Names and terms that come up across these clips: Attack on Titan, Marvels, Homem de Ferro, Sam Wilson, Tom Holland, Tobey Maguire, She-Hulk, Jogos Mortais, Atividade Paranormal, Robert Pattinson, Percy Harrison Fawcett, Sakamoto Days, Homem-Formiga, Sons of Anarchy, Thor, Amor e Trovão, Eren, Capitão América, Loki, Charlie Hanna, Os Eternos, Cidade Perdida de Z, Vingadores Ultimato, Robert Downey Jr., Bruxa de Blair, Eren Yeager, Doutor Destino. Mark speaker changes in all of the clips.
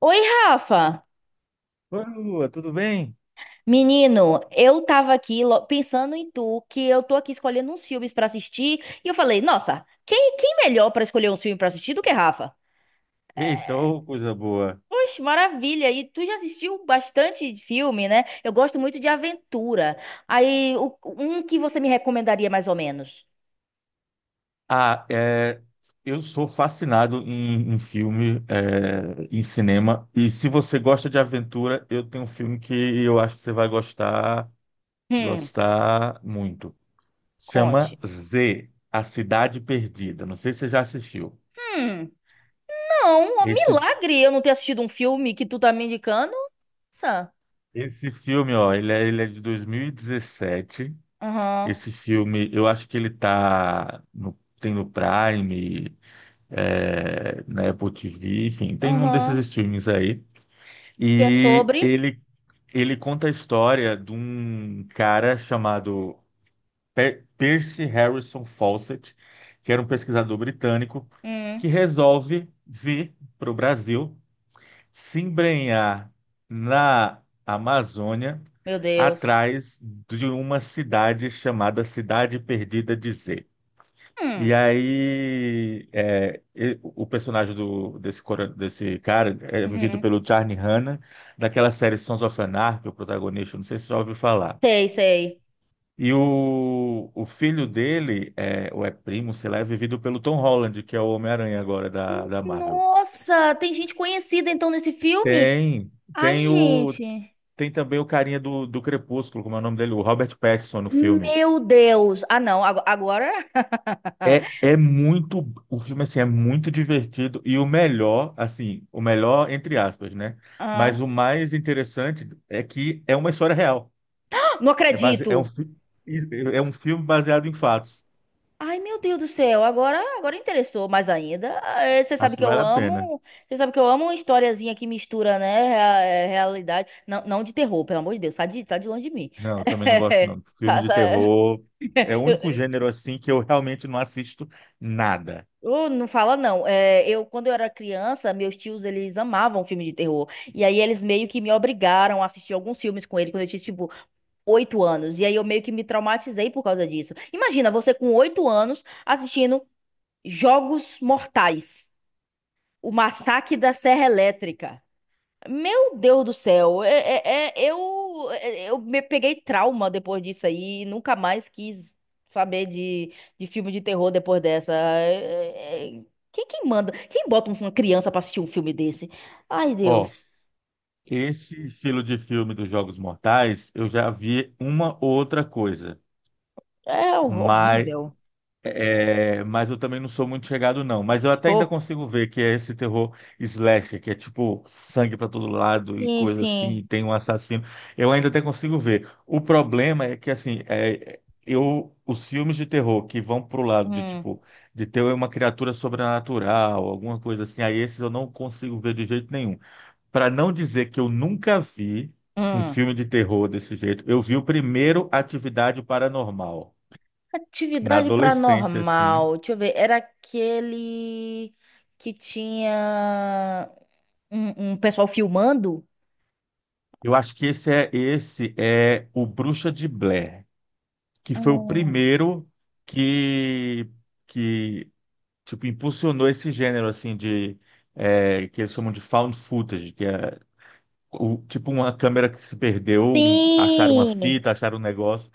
Speaker 1: Oi, Rafa!
Speaker 2: Oi, Lua, tudo bem?
Speaker 1: Menino, eu tava aqui pensando em tu, que eu tô aqui escolhendo uns filmes pra assistir, e eu falei, nossa, quem melhor pra escolher um filme pra assistir do que Rafa?
Speaker 2: Eita,
Speaker 1: É,
Speaker 2: ô, coisa boa.
Speaker 1: poxa, maravilha! E tu já assistiu bastante filme, né? Eu gosto muito de aventura. Aí, um que você me recomendaria mais ou menos?
Speaker 2: Ah, é, eu sou fascinado em filme, é, em cinema. E se você gosta de aventura, eu tenho um filme que eu acho que você vai gostar,
Speaker 1: Hum,
Speaker 2: gostar muito.
Speaker 1: conte.
Speaker 2: Chama Z, A Cidade Perdida. Não sei se você já assistiu.
Speaker 1: Hum, não, ó,
Speaker 2: Esse,
Speaker 1: milagre eu não ter assistido um filme que tu tá me indicando. Nossa.
Speaker 2: esse filme, ó, ele é de 2017.
Speaker 1: Aham,
Speaker 2: Esse filme, eu acho que ele tem no Prime. É, na Apple TV, enfim, tem um desses
Speaker 1: aham.
Speaker 2: streamings aí.
Speaker 1: E é
Speaker 2: E
Speaker 1: sobre?
Speaker 2: ele conta a história de um cara chamado Percy Harrison Fawcett, que era um pesquisador britânico, que
Speaker 1: Hum.
Speaker 2: resolve vir para o Brasil se embrenhar na Amazônia
Speaker 1: Meu Deus.
Speaker 2: atrás de uma cidade chamada Cidade Perdida de Z. E
Speaker 1: Hum.
Speaker 2: aí, o personagem desse cara é vivido
Speaker 1: Uhum.
Speaker 2: pelo Charlie Hanna, daquela série Sons of Anarchy, o protagonista, não sei se você já ouviu falar.
Speaker 1: Sei, sei.
Speaker 2: E o filho dele, é, ou é primo, sei lá, é vivido pelo Tom Holland, que é o Homem-Aranha agora da Marvel.
Speaker 1: Nossa, tem gente conhecida então nesse filme?
Speaker 2: Tem,
Speaker 1: Ai,
Speaker 2: tem o,
Speaker 1: gente.
Speaker 2: tem também o carinha do Crepúsculo, como é o nome dele? O Robert Pattinson no filme.
Speaker 1: Meu Deus. Ah, não, agora.
Speaker 2: É, é muito, o filme assim é muito divertido e o melhor, assim, o melhor entre aspas, né? Mas
Speaker 1: Ah,
Speaker 2: o mais interessante é que é uma história real.
Speaker 1: não
Speaker 2: É base, é um,
Speaker 1: acredito.
Speaker 2: fi- é um filme baseado em fatos.
Speaker 1: Ai, meu Deus do céu. Agora, agora interessou mais ainda. Eh, Você sabe
Speaker 2: Acho que
Speaker 1: que eu
Speaker 2: vale a pena.
Speaker 1: amo, você sabe que eu amo uma historiazinha que mistura, né, realidade. Não, não de terror, pelo amor de Deus, sai de longe de mim.
Speaker 2: Não, eu também não gosto não. Filme
Speaker 1: Tá,
Speaker 2: de terror é o único gênero assim que eu realmente não assisto nada.
Speaker 1: Não fala não. É, eu quando eu era criança, meus tios eles amavam filme de terror. E aí eles meio que me obrigaram a assistir alguns filmes com ele quando eu tinha tipo 8 anos. E aí eu meio que me traumatizei por causa disso. Imagina você com 8 anos assistindo Jogos Mortais, o Massacre da Serra Elétrica. Meu Deus do céu, eu me peguei trauma depois disso aí, nunca mais quis saber de filme de terror depois dessa. É- é- quem manda? Quem bota uma criança pra assistir um filme desse? Ai,
Speaker 2: Ó,
Speaker 1: Deus,
Speaker 2: esse estilo de filme dos Jogos Mortais, eu já vi uma outra coisa.
Speaker 1: é
Speaker 2: Mas
Speaker 1: horrível.
Speaker 2: mas eu também não sou muito chegado, não. Mas eu até ainda
Speaker 1: Show.
Speaker 2: consigo ver que é esse terror slasher, que é tipo sangue pra todo lado e
Speaker 1: Sim,
Speaker 2: coisa assim,
Speaker 1: sim.
Speaker 2: e tem um assassino. Eu ainda até consigo ver. O problema é que, assim, é, eu, os filmes de terror que vão pro lado de,
Speaker 1: Hum,
Speaker 2: tipo, de ter uma criatura sobrenatural, alguma coisa assim, aí esses eu não consigo ver de jeito nenhum. Pra não dizer que eu nunca vi um
Speaker 1: hum.
Speaker 2: filme de terror desse jeito, eu vi o primeiro Atividade Paranormal. Na
Speaker 1: Atividade
Speaker 2: adolescência, assim.
Speaker 1: paranormal, deixa eu ver, era aquele que tinha um pessoal filmando?
Speaker 2: Eu acho que esse é o Bruxa de Blair, que foi o
Speaker 1: Hum.
Speaker 2: primeiro que que tipo impulsionou esse gênero assim de é, que eles chamam de found footage, que é tipo uma câmera que se perdeu, acharam uma
Speaker 1: Sim.
Speaker 2: fita, acharam um negócio.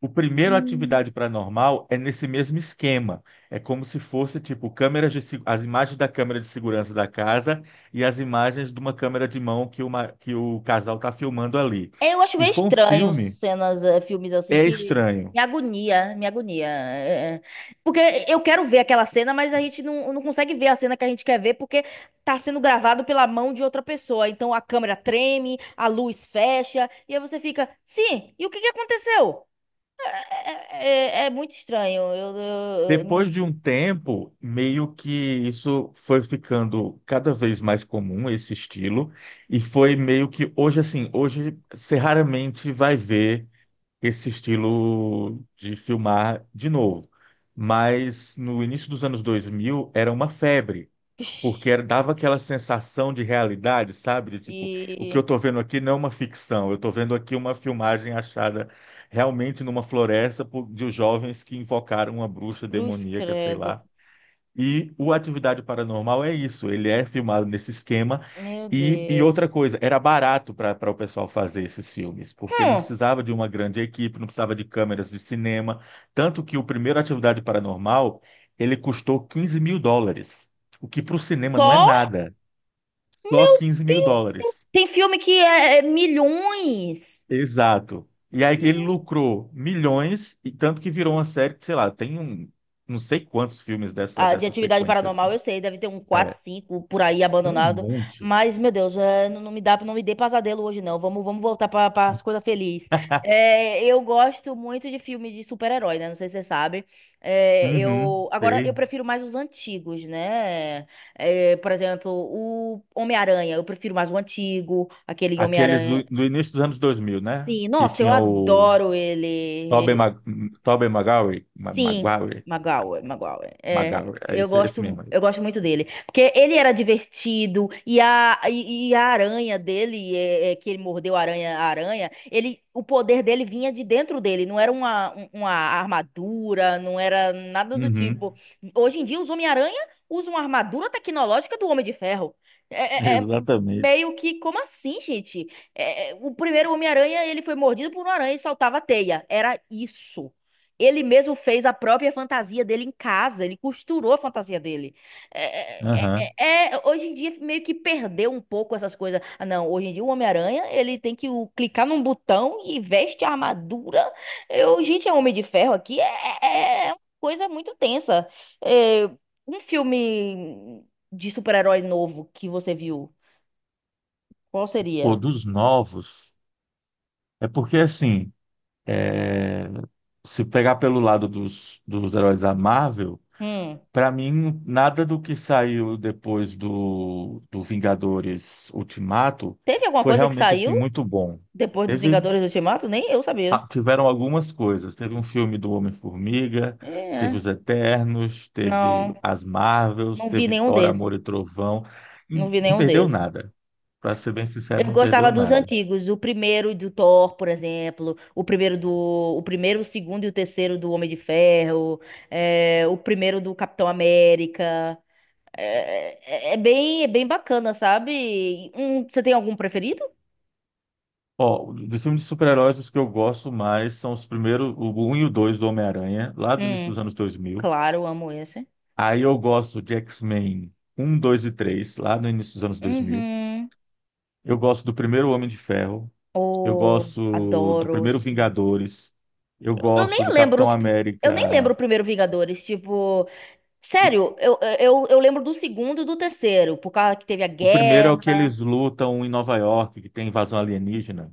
Speaker 2: O primeiro
Speaker 1: Hum.
Speaker 2: Atividade Paranormal é nesse mesmo esquema. É como se fosse tipo câmeras de, se- as imagens da câmera de segurança da casa e as imagens de uma câmera de mão que o casal está filmando ali.
Speaker 1: Eu acho
Speaker 2: E
Speaker 1: meio
Speaker 2: foi um
Speaker 1: estranho
Speaker 2: filme,
Speaker 1: cenas, filmes assim
Speaker 2: é
Speaker 1: que
Speaker 2: estranho.
Speaker 1: me agonia, me agonia. É, é. Porque eu quero ver aquela cena, mas a gente não consegue ver a cena que a gente quer ver porque tá sendo gravado pela mão de outra pessoa. Então a câmera treme, a luz fecha, e aí você fica, sim, e o que que aconteceu? É, é muito estranho. Eu não.
Speaker 2: Depois de um tempo, meio que isso foi ficando cada vez mais comum, esse estilo, e foi meio que hoje assim, hoje você raramente vai ver esse estilo de filmar de novo. Mas no início dos anos 2000 era uma febre, porque
Speaker 1: Ixi,
Speaker 2: dava aquela sensação de realidade, sabe? De, tipo, o que eu
Speaker 1: e.
Speaker 2: estou vendo aqui não é uma ficção, eu estou vendo aqui uma filmagem achada realmente numa floresta de jovens que invocaram uma bruxa
Speaker 1: Cruz
Speaker 2: demoníaca, sei
Speaker 1: credo.
Speaker 2: lá. E o Atividade Paranormal é isso, ele é filmado nesse esquema.
Speaker 1: Meu
Speaker 2: E
Speaker 1: Deus.
Speaker 2: outra coisa, era barato para o pessoal fazer esses filmes, porque não
Speaker 1: Hum.
Speaker 2: precisava de uma grande equipe, não precisava de câmeras de cinema. Tanto que o primeiro Atividade Paranormal, ele custou US$ 15 mil, o que para o cinema não é
Speaker 1: Só?
Speaker 2: nada, só
Speaker 1: Meu
Speaker 2: 15 mil
Speaker 1: Deus!
Speaker 2: dólares.
Speaker 1: Tem filme que é, é milhões.
Speaker 2: Exato. E aí ele
Speaker 1: Meu,
Speaker 2: lucrou milhões, e tanto que virou uma série que, sei lá, não sei quantos filmes dessa,
Speaker 1: ah, de
Speaker 2: dessa
Speaker 1: atividade
Speaker 2: sequência
Speaker 1: paranormal,
Speaker 2: assim.
Speaker 1: eu sei, deve ter um quatro
Speaker 2: É,
Speaker 1: 5 por aí
Speaker 2: tem um
Speaker 1: abandonado.
Speaker 2: monte.
Speaker 1: Mas, meu Deus, é, não, não me dá, não me dê pesadelo hoje, não. Vamos voltar para as coisas felizes. É, eu gosto muito de filme de super-herói, né? Não sei se você sabe. É,
Speaker 2: Uhum,
Speaker 1: eu, agora, eu
Speaker 2: sei.
Speaker 1: prefiro mais os antigos, né? É, por exemplo, o Homem-Aranha. Eu prefiro mais o antigo, aquele
Speaker 2: Aqueles
Speaker 1: Homem-Aranha.
Speaker 2: do início dos anos 2000, né?
Speaker 1: Sim,
Speaker 2: Que
Speaker 1: nossa, eu
Speaker 2: tinha o
Speaker 1: adoro
Speaker 2: Tobey
Speaker 1: ele.
Speaker 2: Mag, Tobey Maguire, Ma-
Speaker 1: Sim,
Speaker 2: Maguire,
Speaker 1: Magal, Magal. É,
Speaker 2: Maguire, é
Speaker 1: eu
Speaker 2: esse
Speaker 1: gosto,
Speaker 2: mesmo aí.
Speaker 1: eu gosto muito dele, porque ele era divertido e a aranha dele, que ele mordeu a aranha, ele, o poder dele vinha de dentro dele, não era uma armadura, não era nada do
Speaker 2: Uhum,
Speaker 1: tipo. Hoje em dia os Homem-Aranha usam a armadura tecnológica do Homem de Ferro. É, é- é
Speaker 2: exatamente.
Speaker 1: meio que, como assim, gente? O primeiro Homem-Aranha, ele foi mordido por uma aranha e saltava teia. Era isso. Ele mesmo fez a própria fantasia dele em casa, ele costurou a fantasia dele.
Speaker 2: Uhum.
Speaker 1: Hoje em dia meio que perdeu um pouco essas coisas. Ah, não, hoje em dia o Homem-Aranha, ele tem que clicar num botão e veste a armadura. Eu, gente, é Homem de Ferro aqui, uma coisa muito tensa. É, um filme de super-herói novo que você viu, qual
Speaker 2: Pô,
Speaker 1: seria?
Speaker 2: dos novos, é porque assim, é, se pegar pelo lado dos heróis da Marvel,
Speaker 1: Hum,
Speaker 2: pra mim, nada do que saiu depois do Vingadores Ultimato
Speaker 1: teve alguma
Speaker 2: foi
Speaker 1: coisa que
Speaker 2: realmente assim
Speaker 1: saiu
Speaker 2: muito bom.
Speaker 1: depois dos
Speaker 2: Teve
Speaker 1: Vingadores Ultimato? Nem eu sabia.
Speaker 2: tiveram algumas coisas. Teve um filme do Homem-Formiga, teve
Speaker 1: É,
Speaker 2: Os Eternos,
Speaker 1: não.
Speaker 2: teve as Marvels,
Speaker 1: Não vi
Speaker 2: teve
Speaker 1: nenhum
Speaker 2: Thor,
Speaker 1: desse.
Speaker 2: Amor e Trovão.
Speaker 1: Não
Speaker 2: E
Speaker 1: vi
Speaker 2: não
Speaker 1: nenhum
Speaker 2: perdeu
Speaker 1: desse.
Speaker 2: nada. Para ser bem sincero,
Speaker 1: Eu
Speaker 2: não
Speaker 1: gostava
Speaker 2: perdeu
Speaker 1: dos
Speaker 2: nada.
Speaker 1: antigos, o primeiro do Thor, por exemplo, o primeiro, o segundo e o terceiro do Homem de Ferro, o primeiro do Capitão América. É, bem bacana, sabe? Você tem algum preferido?
Speaker 2: Ó, dos filmes de super-heróis, os que eu gosto mais são os primeiros, o 1 e o 2 do Homem-Aranha, lá do início dos
Speaker 1: Hum,
Speaker 2: anos 2000.
Speaker 1: claro, amo esse.
Speaker 2: Aí eu gosto de X-Men um 2 e 3 lá no início dos anos 2000.
Speaker 1: Uhum.
Speaker 2: Eu gosto do primeiro Homem de Ferro. Eu
Speaker 1: Oh,
Speaker 2: gosto do
Speaker 1: adoro
Speaker 2: primeiro
Speaker 1: esse filme.
Speaker 2: Vingadores. Eu
Speaker 1: Eu, eu nem
Speaker 2: gosto do
Speaker 1: lembro
Speaker 2: Capitão
Speaker 1: os, pr- eu nem lembro
Speaker 2: América.
Speaker 1: o primeiro Vingadores, tipo,
Speaker 2: O
Speaker 1: sério, eu lembro do segundo e do terceiro, por causa que teve a
Speaker 2: o primeiro é o que
Speaker 1: guerra.
Speaker 2: eles lutam em Nova York, que tem invasão alienígena,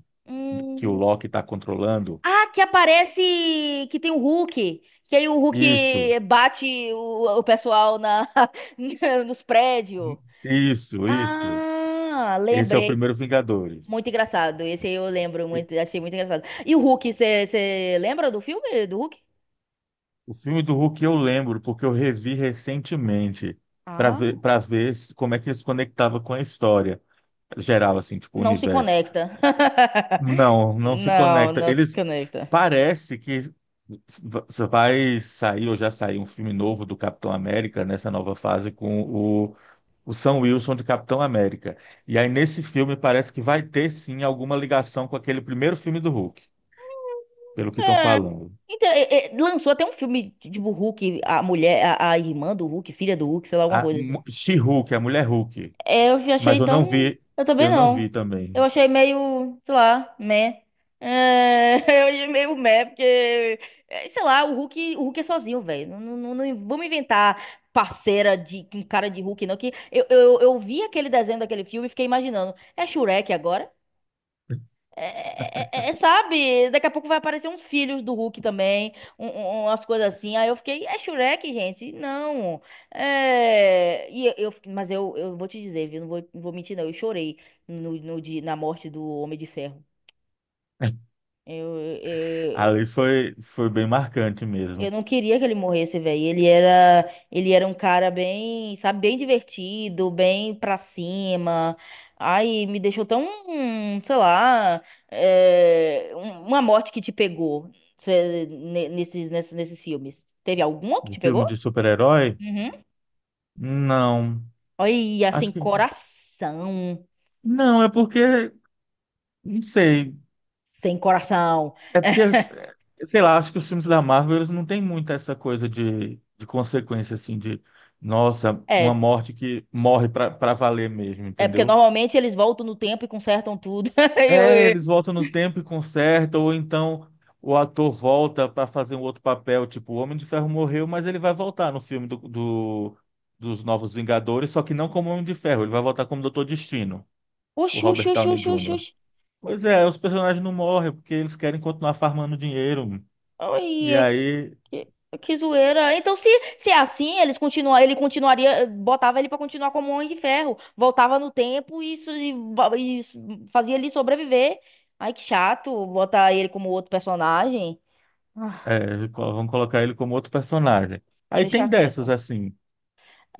Speaker 2: que o
Speaker 1: Hum.
Speaker 2: Loki está controlando.
Speaker 1: Ah, que aparece que tem o Hulk. Que aí o
Speaker 2: Isso,
Speaker 1: Hulk bate o pessoal na, nos prédios.
Speaker 2: isso, isso.
Speaker 1: Ah,
Speaker 2: Esse é o
Speaker 1: lembrei.
Speaker 2: primeiro Vingadores.
Speaker 1: Muito engraçado. Esse aí eu lembro
Speaker 2: E-
Speaker 1: muito, achei muito engraçado. E o Hulk, você lembra do filme do Hulk?
Speaker 2: O filme do Hulk eu lembro, porque eu revi recentemente para ver,
Speaker 1: Ah,
Speaker 2: para ver se- como é que ele se conectava com a história geral, assim, tipo, o
Speaker 1: não se
Speaker 2: universo.
Speaker 1: conecta.
Speaker 2: Não, não se
Speaker 1: Não,
Speaker 2: conecta.
Speaker 1: não se
Speaker 2: Eles
Speaker 1: conecta.
Speaker 2: parece que vai sair ou já saiu um filme novo do Capitão América nessa nova fase com o Sam Wilson de Capitão América. E aí nesse filme parece que vai ter sim alguma ligação com aquele primeiro filme do Hulk, pelo que estão
Speaker 1: É.
Speaker 2: falando.
Speaker 1: Então, lançou até um filme de- tipo Hulk, a mulher, a irmã do Hulk, filha do Hulk, sei lá, alguma coisa assim.
Speaker 2: She-Hulk, a mulher Hulk,
Speaker 1: É, eu
Speaker 2: mas
Speaker 1: achei tão. Eu também
Speaker 2: eu não
Speaker 1: não.
Speaker 2: vi
Speaker 1: Eu
Speaker 2: também.
Speaker 1: achei meio, sei lá, meh. É, eu achei meio meh, porque, sei lá, o Hulk é sozinho, velho. Não, não, não, não vamos inventar parceira de com cara de Hulk, não. Que eu vi aquele desenho daquele filme e fiquei imaginando. É Shurek agora? Sabe, daqui a pouco vai aparecer uns filhos do Hulk também, um, um- umas coisas assim. Aí eu fiquei, é Shrek, gente? Não. É, mas eu vou te dizer, viu? Não vou, não vou mentir, não. Eu chorei no, no, dia- na morte do Homem de Ferro. Eu,
Speaker 2: Ali foi bem marcante
Speaker 1: Eu
Speaker 2: mesmo.
Speaker 1: não queria que ele morresse, velho. Ele era um cara bem, sabe, bem divertido, bem pra cima. Ai, me deixou tão, sei lá, uma morte que te pegou nesses filmes. Teve alguma que
Speaker 2: De
Speaker 1: te
Speaker 2: filme
Speaker 1: pegou?
Speaker 2: de super-herói?
Speaker 1: Uhum.
Speaker 2: Não.
Speaker 1: Olha, sem
Speaker 2: Acho que.
Speaker 1: coração.
Speaker 2: Não, é porque. Não sei.
Speaker 1: Sem coração.
Speaker 2: É porque, é, sei lá, acho que os filmes da Marvel eles não têm muito essa coisa de, consequência, assim, de. Nossa, uma
Speaker 1: É,
Speaker 2: morte que morre pra valer mesmo,
Speaker 1: é porque
Speaker 2: entendeu?
Speaker 1: normalmente eles voltam no tempo e consertam tudo. Aí
Speaker 2: É,
Speaker 1: eu-
Speaker 2: eles voltam no tempo e consertam, ou então o ator volta para fazer um outro papel, tipo, o Homem de Ferro morreu, mas ele vai voltar no filme dos Novos Vingadores, só que não como Homem de Ferro, ele vai voltar como Doutor Destino, o
Speaker 1: oxi, oxi,
Speaker 2: Robert
Speaker 1: oxi,
Speaker 2: Downey
Speaker 1: oxi, oxi,
Speaker 2: Jr. Pois é, os personagens não morrem porque eles querem continuar farmando dinheiro, e
Speaker 1: oxi.
Speaker 2: aí
Speaker 1: Que, que zoeira. Então, se é assim, eles continua, ele continuaria, botava ele pra continuar como um Homem de Ferro. Voltava no tempo e fazia ele sobreviver. Ai, que chato botar ele como outro personagem. Ah,
Speaker 2: vão colocar ele como outro personagem. Aí
Speaker 1: deixa
Speaker 2: tem
Speaker 1: quieto.
Speaker 2: dessas, assim,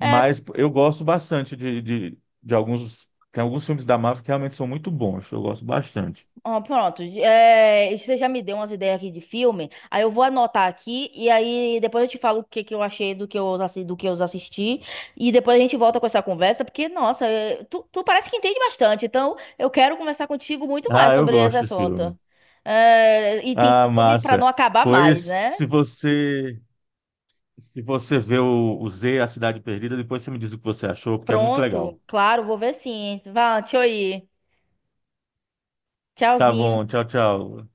Speaker 1: É,
Speaker 2: eu gosto bastante de alguns. Tem alguns filmes da Marvel que realmente são muito bons, eu gosto bastante.
Speaker 1: ó, pronto, você já me deu umas ideias aqui de filme, aí eu vou anotar aqui e aí depois eu te falo o que eu achei do que do que eu assisti e depois a gente volta com essa conversa, porque, nossa, é, tu parece que entende bastante, então eu quero conversar contigo muito mais
Speaker 2: Ah, eu
Speaker 1: sobre esse
Speaker 2: gosto do filme.
Speaker 1: assunto. É, e tem
Speaker 2: Ah,
Speaker 1: filme pra não
Speaker 2: massa.
Speaker 1: acabar mais,
Speaker 2: Pois,
Speaker 1: né?
Speaker 2: se você vê o Z, A Cidade Perdida, depois você me diz o que você achou, porque é muito
Speaker 1: Pronto,
Speaker 2: legal.
Speaker 1: claro, vou ver sim. Vá, tchau aí.
Speaker 2: Tá
Speaker 1: Tchauzinho.
Speaker 2: bom, tchau, tchau.